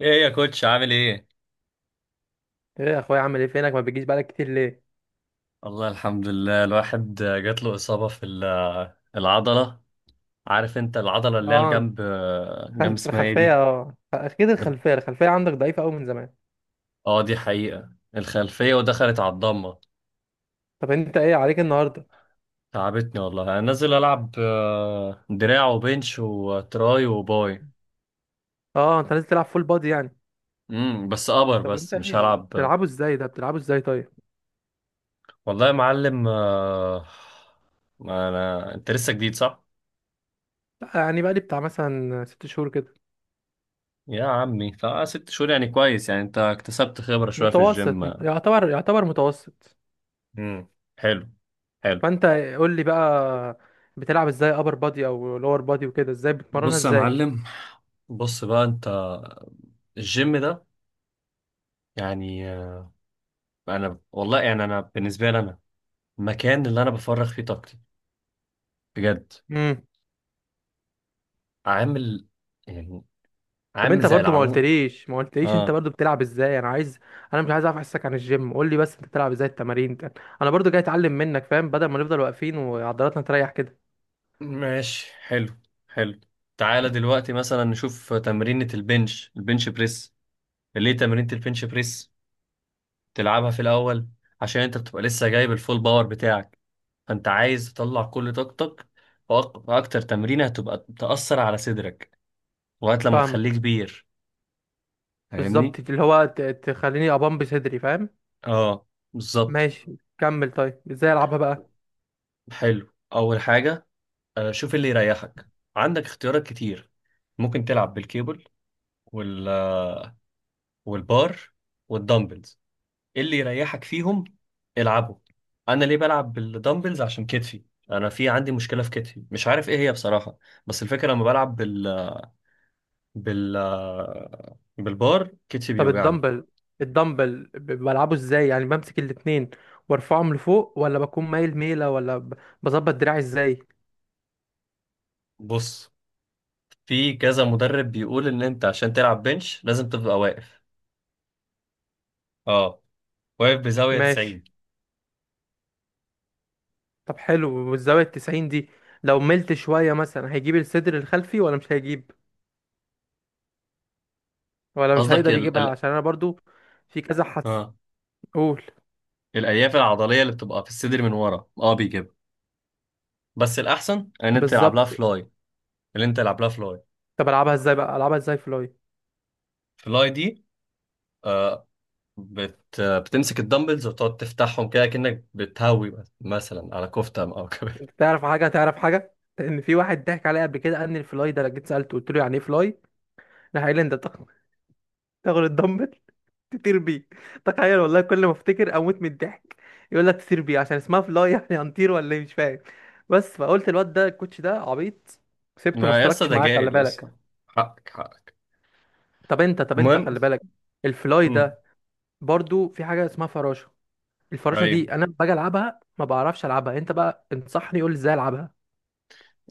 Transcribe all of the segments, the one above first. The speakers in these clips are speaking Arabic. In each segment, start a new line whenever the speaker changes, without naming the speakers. ايه يا كوتش، عامل ايه؟
ايه يا اخويا عامل ايه؟ فينك؟ ما بتجيش بقالك كتير، ليه؟
والله، الحمد لله. الواحد جات له إصابة في العضلة. عارف انت العضلة اللي هي
اه انت،
الجنب. جنب
في
اسمها ايه
الخلفيه.
دي؟
اه اكيد الخلفيه، الخلفيه عندك ضعيفه قوي من زمان.
اه، دي حقيقة. الخلفية ودخلت على الضمة.
طب انت ايه عليك النهارده؟
تعبتني والله. انا نازل العب دراع وبنش وتراي وباي.
اه انت لازم تلعب فول بادي يعني.
بس ابر،
طب انت
بس مش
ايه
هلعب.
بتلعبه؟ ازاي بتلعبه طيب؟
والله يا معلم. ما انا انت لسه جديد، صح؟
لا يعني بقالي بتاع مثلا ست شهور كده.
يا عمي، فست شهور يعني كويس، يعني انت اكتسبت خبرة شوية في الجيم.
متوسط، يعتبر متوسط.
امم حلو، حلو.
فانت قول لي بقى، بتلعب ازاي ابر بادي او لور بادي وكده؟ ازاي بتمرنها
بص يا
ازاي؟
معلم، بص بقى انت. الجيم ده يعني انا والله يعني انا بالنسبه لي انا، المكان اللي انا بفرغ فيه طاقتي بجد، عامل يعني
طب
عامل
انت
زي
برضو ما
العمود.
قلتليش، انت
اه،
برضو بتلعب ازاي؟ انا عايز، انا مش عايز اعرف احسك عن الجيم، قول لي بس انت بتلعب ازاي التمارين ده. انا برضو جاي اتعلم منك، فاهم؟ بدل ما نفضل واقفين وعضلاتنا تريح كده.
ماشي. حلو، حلو. تعالى دلوقتي مثلا نشوف تمرينة البنش بريس. ليه تمرينة البنش بريس تلعبها في الاول؟ عشان انت بتبقى لسه جايب الفول باور بتاعك، فانت عايز تطلع كل طاقتك، فاكتر تمرينه هتبقى تأثر على صدرك لغايه لما تخليه
فاهمك
كبير.
بالظبط،
فاهمني.
اللي هو تخليني ابامب صدري، فاهم.
اه، بالظبط.
ماشي كمل طيب، ازاي العبها بقى؟
حلو، اول حاجه شوف اللي يريحك. عندك اختيارات كتير. ممكن تلعب بالكيبل، وال والبار والدمبلز. اللي يريحك فيهم العبه. انا ليه بلعب بالدمبلز؟ عشان كتفي. انا في عندي مشكله في كتفي، مش عارف ايه هي بصراحه، بس الفكره لما بلعب بال بالبار كتفي
طب
بيوجعني.
الدمبل، الدمبل بلعبه ازاي؟ يعني بمسك الاتنين وارفعهم لفوق، ولا بكون مايل ميلة، ولا بظبط دراعي ازاي؟
بص، في كذا مدرب بيقول ان انت عشان تلعب بنش لازم تبقى اه واقف بزاوية
ماشي.
90.
طب حلو، والزاوية التسعين دي لو ملت شوية مثلا هيجيب الصدر الخلفي ولا مش هيجيب، ولا مش
قصدك
هيقدر
ال...
يجيبها؟
ال...
عشان انا برضو في كذا حس.
اه،
قول.
الالياف العضلية اللي بتبقى في الصدر من ورا بيجيبها، بس الاحسن ان انت تلعب
بالظبط.
لها فلاي. اللي انت تلعب لها فلاي.
طب العبها ازاي بقى؟ العبها ازاي فلاي؟
فلاي دي آه بتمسك الدمبلز وتقعد تفتحهم كده، كأنك بتهوي مثلا على كفتة او كده
انت تعرف حاجة؟ تعرف حاجة؟ لان في واحد ضحك عليا قبل كده، قال لي الفلاي ده، لو جيت سألته قلت له يعني ايه فلاي، راح قال لي انت تاخد، تاخد الدمبل تطير بيه. تخيل والله، كل ما افتكر اموت من الضحك. يقول لك تطير بيه عشان اسمها فلاي يعني هنطير ولا ايه؟ مش فاهم. بس فقلت الواد ده الكوتش ده عبيط، سبته ما
ما يسطا،
اشتركتش
ده
معاه. خلي
جاهل يسطا.
بالك.
حقك، حقك.
طب انت، طب انت
المهم،
خلي بالك، الفلاي
امم
ده. برضو في حاجه اسمها فراشه، الفراشه
ايوه
دي انا باجي العبها ما بعرفش العبها، انت بقى انصحني قول لي ازاي العبها.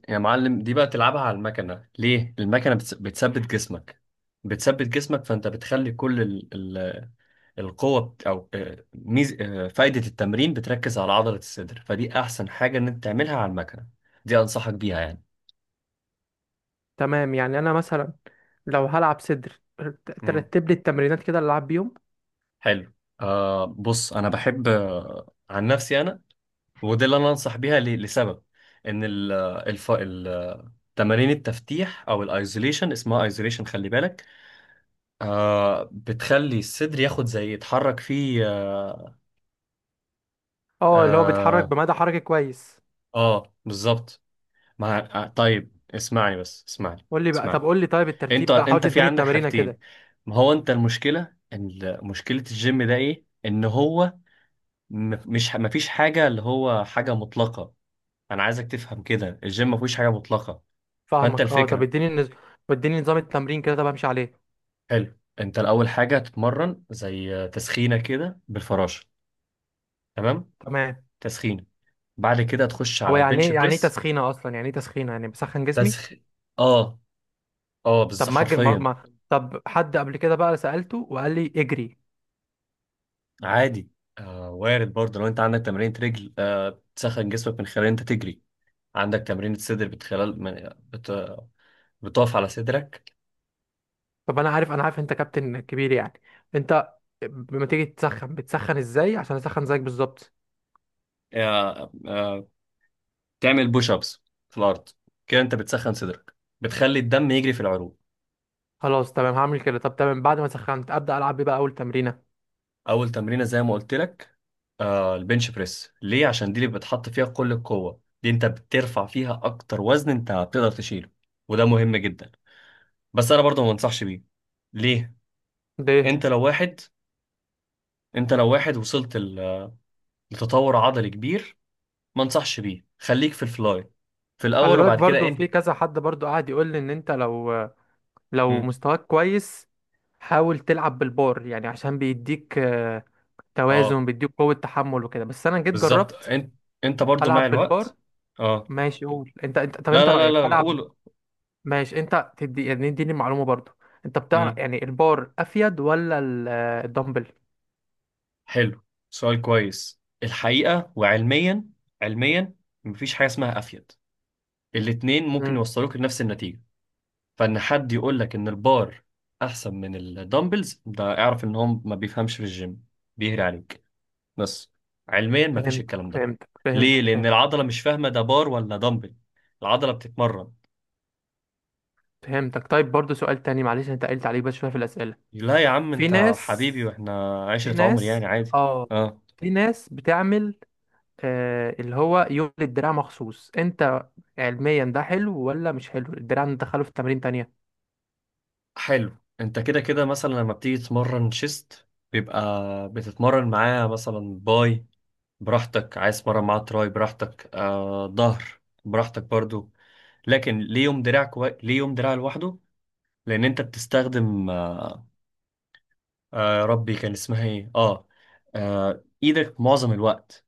يا معلم، دي بقى تلعبها على المكنة. ليه؟ المكنة بتثبت جسمك. بتثبت جسمك، فأنت بتخلي كل ال ال القوة بت- أو آه، ميز آه، فايدة التمرين بتركز على عضلة الصدر، فدي أحسن حاجة إن أنت تعملها على المكنة. دي أنصحك بيها يعني.
تمام يعني انا مثلا لو هلعب صدر،
مم.
ترتب لي التمرينات كده اللي العب بيهم.
حلو. بص، أنا بحب عن نفسي أنا، ودي اللي أنا أنصح بيها لسبب إن ال الف ال تمارين التفتيح أو الايزوليشن، اسمها ايزوليشن خلي بالك، بتخلي الصدر ياخد زي يتحرك فيه. اه,
اه اللي هو بيتحرك
آه,
بمدى حركي كويس.
آه، بالظبط. مع طيب اسمعني، بس اسمعني.
قول لي بقى، طب
اسمعني،
قول لي طيب
انت
الترتيب بقى، حاول
انت في
تديني
عندك
التمرينه
حاجتين.
كده.
ما هو انت، المشكله مشكله الجيم ده ايه؟ ان هو مش، ما فيش حاجه، اللي هو حاجه مطلقه. انا عايزك تفهم كده، الجيم ما فيش حاجه مطلقه. فانت
فاهمك اه. طب
الفكره،
اديني نظام التمرين كده طب، امشي عليه.
حلو. انت الاول حاجه هتتمرن زي تسخينه كده بالفراشه. تمام.
تمام.
تسخينه. بعد كده تخش على
هو يعني
البنش
ايه، يعني ايه
بريس.
تسخينه اصلا؟ يعني ايه تسخينه؟ يعني بسخن جسمي؟
تسخين. اه، اه
طب
بس
ما اجري،
حرفيا.
طب حد قبل كده بقى سألته وقال لي اجري.
عادي. وارد برضه. لو انت عندك تمرين رجل تسخن جسمك من خلال انت تجري. عندك تمرين صدر بتخلال من بتقف على صدرك.
طب انا عارف، انا عارف انت كابتن كبير يعني، انت لما تيجي تسخن بتسخن ازاي؟ عشان اسخن زيك بالظبط.
آه آه تعمل بوش ابس في الارض، كده انت بتسخن صدرك، بتخلي الدم يجري في العروق.
خلاص تمام هعمل كده. طب تمام، بعد ما سخنت ابدا العب بيه بقى اول تمرينه؟
اول تمرينه زي ما قلت لك، البنش بريس. ليه؟ عشان دي اللي بتحط فيها كل القوه. دي انت بترفع فيها اكتر وزن انت بتقدر تشيله، وده مهم جدا. بس انا برضه ما انصحش بيه. ليه؟
ده إيه؟
انت لو واحد، وصلت لتطور عضلي كبير، ما انصحش بيه. خليك في الفلاي في
خلي
الاول،
بالك
وبعد كده
برضو
انهي.
في كذا حد برضو قاعد يقول لي ان انت لو، لو
مم.
مستواك كويس حاول تلعب بالبار، يعني عشان بيديك
اه،
توازن، بيديك قوة تحمل وكده. بس انا جيت
بالظبط.
جربت
انت، انت برضو مع
العب
الوقت.
بالبار.
اه.
ماشي، قول انت، انت طب
لا
انت
لا لا
رأيك
لا لا،
العب؟
قول.
ماشي، انت تدي يعني اديني معلومة برضو، انت بتعرف
مم.
يعني، البار افيد ولا الدمبل؟
حلو، سؤال كويس الحقيقة. وعلميا، علميا مفيش حاجة اسمها افيد. الاتنين ممكن
مم.
يوصلوك لنفس النتيجة. فان حد يقول لك ان البار احسن من الدمبلز، ده اعرف ان هو ما بيفهمش في الجيم، بيهري عليك. بس علميا مفيش
فهمتك
الكلام ده.
فهمتك
ليه؟
فهمتك
لان
فهمتك
العضله مش فاهمه ده بار ولا دمبل. العضله بتتمرن.
فهمتك. طيب برضو سؤال تاني، معلش انت قلت عليك بس شوية في الأسئلة.
لا يا عم،
في
انت
ناس،
حبيبي، واحنا
في
عشره عمر يعني
ناس
عادي.
اه
اه.
في ناس بتعمل اللي هو يوم للدراع مخصوص، انت علميا ده حلو ولا مش حلو؟ الدراع ندخله في تمارين تانية؟
حلو، انت كده كده مثلا لما بتيجي تتمرن شيست بيبقى بتتمرن معاه مثلا باي. براحتك. عايز تتمرن معاه تراي، براحتك. ظهر، براحتك برضو. لكن ليه يوم دراع ليه يوم دراع لوحده؟ لان انت بتستخدم ربي، كان اسمها ايه؟ اه ايدك معظم الوقت.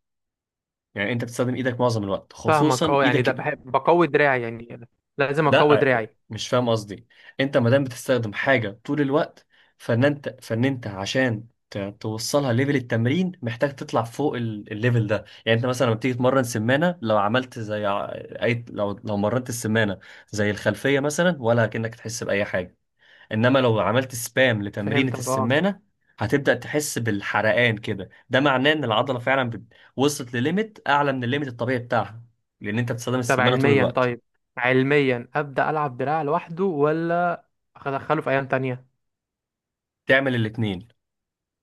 يعني انت بتستخدم ايدك معظم الوقت،
فاهمك
خصوصا
اه. يعني ده
ايدك.
بحب بقوي دراعي يعني، لازم اقوي
لا،
دراعي.
مش فاهم قصدي. انت ما دام بتستخدم حاجه طول الوقت، فان انت عشان توصلها ليفل التمرين، محتاج تطلع فوق الليفل ده. يعني انت مثلا لما بتيجي تمرن سمانه، لو عملت اي، لو مرنت السمانه زي الخلفيه مثلا، ولا كأنك تحس باي حاجه. انما لو عملت سبام لتمرينة
فهمتك اه.
السمانة، هتبدأ تحس بالحرقان كده. ده معناه ان العضلة فعلا وصلت لليميت اعلى من الليميت الطبيعي بتاعها، لان انت بتستخدم
طب
السمانة طول
علميا
الوقت.
طيب، علميا ابدا العب دراع لوحده، ولا ادخله في ايام تانية؟
تعمل الاتنين.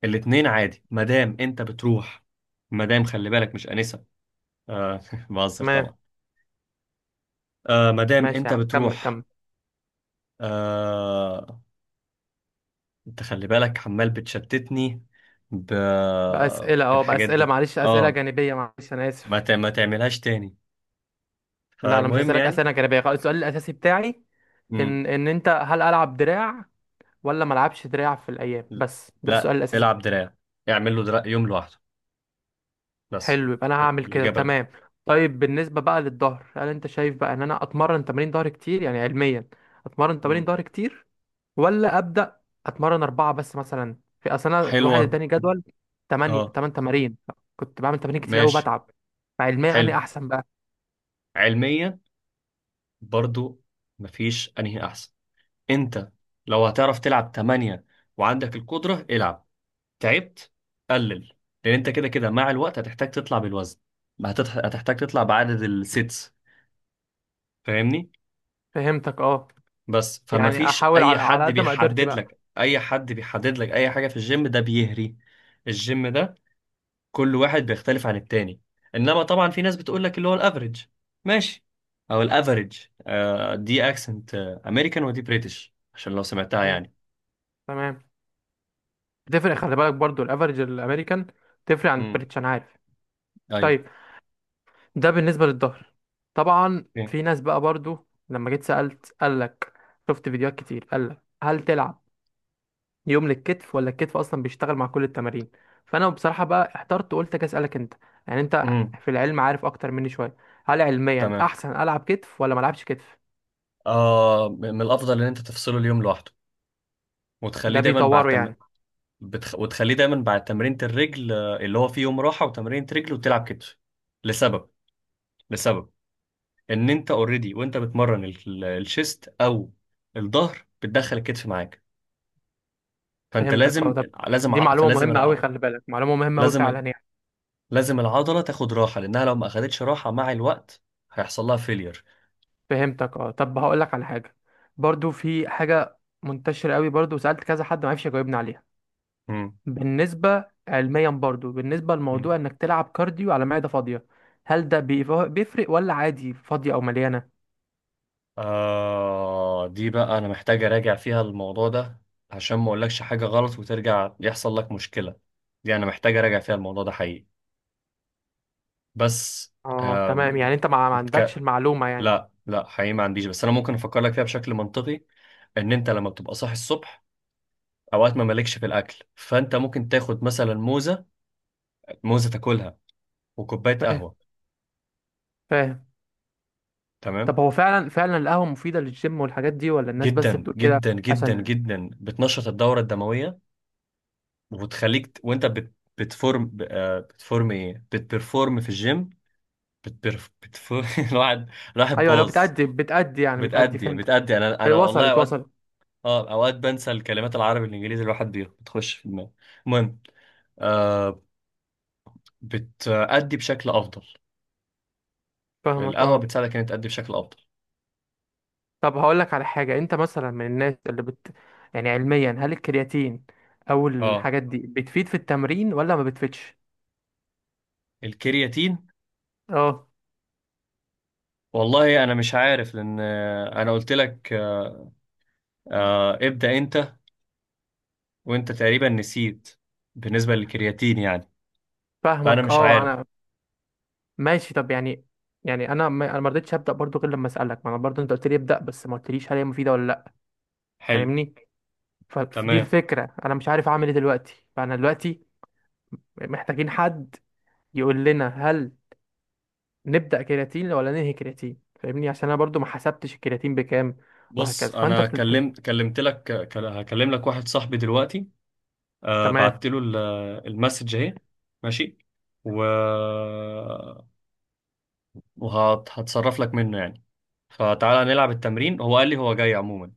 الاتنين عادي، مادام انت بتروح. مادام، خلي بالك مش آنسة. آه بهزر
تمام.
طبعا. مادام
ماشي
انت
يا عم، كمل
بتروح.
كمل
آه انت خلي بالك، عمال بتشتتني ب...
باسئله، اه
بالحاجات
باسئله،
دي.
معلش اسئله
اه،
جانبيه، معلش انا اسف.
ما تعملهاش تاني.
لا انا مش
فالمهم،
هسالك اسئله جانبيه خالص، السؤال الاساسي بتاعي
يعني،
ان ان انت هل العب دراع ولا ما العبش دراع في الايام، بس ده
لا،
السؤال الاساسي
العب
بتاعي.
دراع. اعمل له دراع يوم لوحده بس.
حلو، يبقى انا هعمل كده
الإجابة لا.
تمام. طيب بالنسبه بقى للظهر، هل انت شايف بقى ان انا اتمرن تمارين ظهر كتير يعني علميا؟ اتمرن تمارين
مم.
ظهر كتير ولا ابدا؟ اتمرن اربعه بس مثلا؟ في اصل انا واحد
حلوة.
اداني جدول 8
اه.
8 تمارين، كنت بعمل تمارين كتير قوي،
ماشي.
بتعب. فعلميا انا
حلو،
احسن بقى؟
علميا برضو مفيش انهي احسن. انت لو هتعرف تلعب تمانية وعندك القدرة، العب. تعبت، قلل. لان انت كده كده مع الوقت هتحتاج تطلع بالوزن. ما هتحتاج تطلع بعدد السيتس. فاهمني؟
فهمتك اه.
بس
يعني
فمفيش
احاول
اي
على، على
حد
قد ما قدرتي
بيحدد
بقى.
لك، اي حاجة في الجيم. ده بيهري. الجيم ده كل واحد بيختلف عن التاني. انما طبعا في ناس بتقول لك اللي هو الافريج، ماشي، او الافريج. دي اكسنت امريكان، ودي بريتش، عشان لو سمعتها
فهمت
يعني.
تمام، تفرق، خلي بالك برضو الافرج الامريكان تفرق عن
امم
البريتش انا عارف.
ايوه.
طيب، ده بالنسبه للظهر. طبعا
اوكي.
في ناس بقى برضو، لما جيت سالت قال لك، شفت فيديوهات كتير، قال لك هل تلعب يوم للكتف، ولا الكتف اصلا بيشتغل مع كل التمارين؟ فانا بصراحه بقى احترت وقلت اجي اسالك انت، يعني انت
امم
في العلم عارف اكتر مني شويه. هل علميا
تمام.
احسن العب كتف ولا ما العبش كتف؟
من الافضل ان انت تفصله اليوم لوحده، وتخليه
ده
دايما بعد
بيطوره يعني؟
وتخليه دايما بعد تمرينة الرجل. اللي هو فيه يوم راحة وتمرينة رجل وتلعب كتف. لسبب، لسبب ان انت اوريدي وانت بتمرن الشيست او الظهر بتدخل الكتف معاك، فانت
فهمتك اه.
لازم،
طب
لازم
دي
ع-
معلومه
فلازم
مهمه قوي،
الع...
خلي بالك معلومه مهمه قوي
لازم
فعلا
ال-
يعني.
لازم العضله تاخد راحه، لانها لو ما اخدتش راحه مع الوقت هيحصل لها فيلير.
فهمتك اه. طب هقول لك على حاجه، برضو في حاجه منتشره قوي، برضو سالت كذا حد ما عرفش يجاوبني عليها.
مم.
بالنسبه علميا برضو، بالنسبه
مم.
لموضوع انك تلعب كارديو على معده فاضيه، هل ده بيفرق ولا عادي فاضيه او مليانه؟
دي بقى انا محتاج اراجع فيها الموضوع ده، عشان ما اقولكش حاجه غلط وترجع يحصل لك مشكله. دي انا محتاج اراجع فيها الموضوع ده حقيقي. بس،
اه تمام،
آم...
يعني انت ما، ما عندكش
بتك...
المعلومة يعني.
لا لا، حقيقي ما عنديش، بس انا ممكن افكر لك فيها بشكل منطقي. ان انت لما بتبقى صاحي الصبح، اوقات ما مالكش في الاكل، فانت ممكن تاخد مثلا موزه. موزه تاكلها، وكوباية
فاهم
قهوة.
فاهم.
تمام.
طب هو فعلا، فعلا القهوة مفيدة للجيم والحاجات دي، ولا الناس بس
جدا
بتقول كده؟
جدا جدا
عشان.
جدا، بتنشط الدورة الدموية، وبتخليك وانت بتفورم ب- آه، بتفورم ايه بتبرفورم في الجيم. بتفورم الواحد راح
ايوه لو
باظ.
بتأدي، بتأدي،
بتأدي
فهمت.
بتأدي انا والله
وصلت
اوقات،
وصلت
اه، اوقات بنسى الكلمات، العربي الانجليزي الواحد بتخش في دماغه. المهم، آه بتأدي بشكل افضل.
فاهمك
القهوة
اه.
بتساعدك انك تأدي بشكل افضل.
طب هقول لك على حاجة، انت مثلا من الناس اللي بت، يعني علميا هل الكرياتين او
اه،
الحاجات دي بتفيد في التمرين ولا ما بتفيدش؟
الكرياتين.
اه.
والله انا مش عارف، لان انا قلت لك ابدأ انت، وانت تقريبا نسيت بالنسبة للكرياتين يعني، فأنا
فاهمك
مش
اه
عارف.
انا. ماشي طب يعني، يعني انا ما، انا ما رضيتش ابدا برضو غير لما اسالك، ما انا برضو انت قلت لي ابدا بس ما قلتليش هل هي مفيده ولا لا،
حلو.
فاهمني؟ فدي
تمام.
الفكرة، أنا مش عارف أعمل إيه دلوقتي، فأنا دلوقتي محتاجين حد يقول لنا هل نبدأ كرياتين ولا ننهي كرياتين، فاهمني؟ عشان أنا برضو ما حسبتش الكرياتين بكام.
بص،
وهكذا، فأنت
أنا كلمت لك، هكلم لك واحد صاحبي دلوقتي.
تمام.
بعت له المسج اهي. ماشي. و وهتصرف لك منه يعني. فتعالى نلعب التمرين، هو قال لي هو جاي عموما.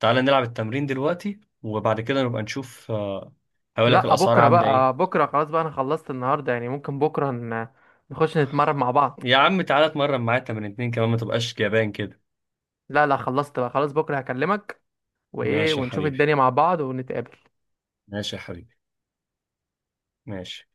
تعالى نلعب التمرين دلوقتي، وبعد كده نبقى نشوف. هقول لك
لا
الأسعار
بكرة
عاملة ايه.
بقى، بكرة خلاص بقى، أنا خلصت النهاردة يعني، ممكن بكرة نخش نتمرن مع بعض.
يا عم تعالى اتمرن معايا تمرين اتنين كمان، ما تبقاش جبان كده.
لا لا، خلصت بقى خلاص، بكرة هكلمك وإيه،
ماشي يا
ونشوف
حبيبي.
الدنيا مع بعض ونتقابل.
ماشي يا حبيبي. ماشي.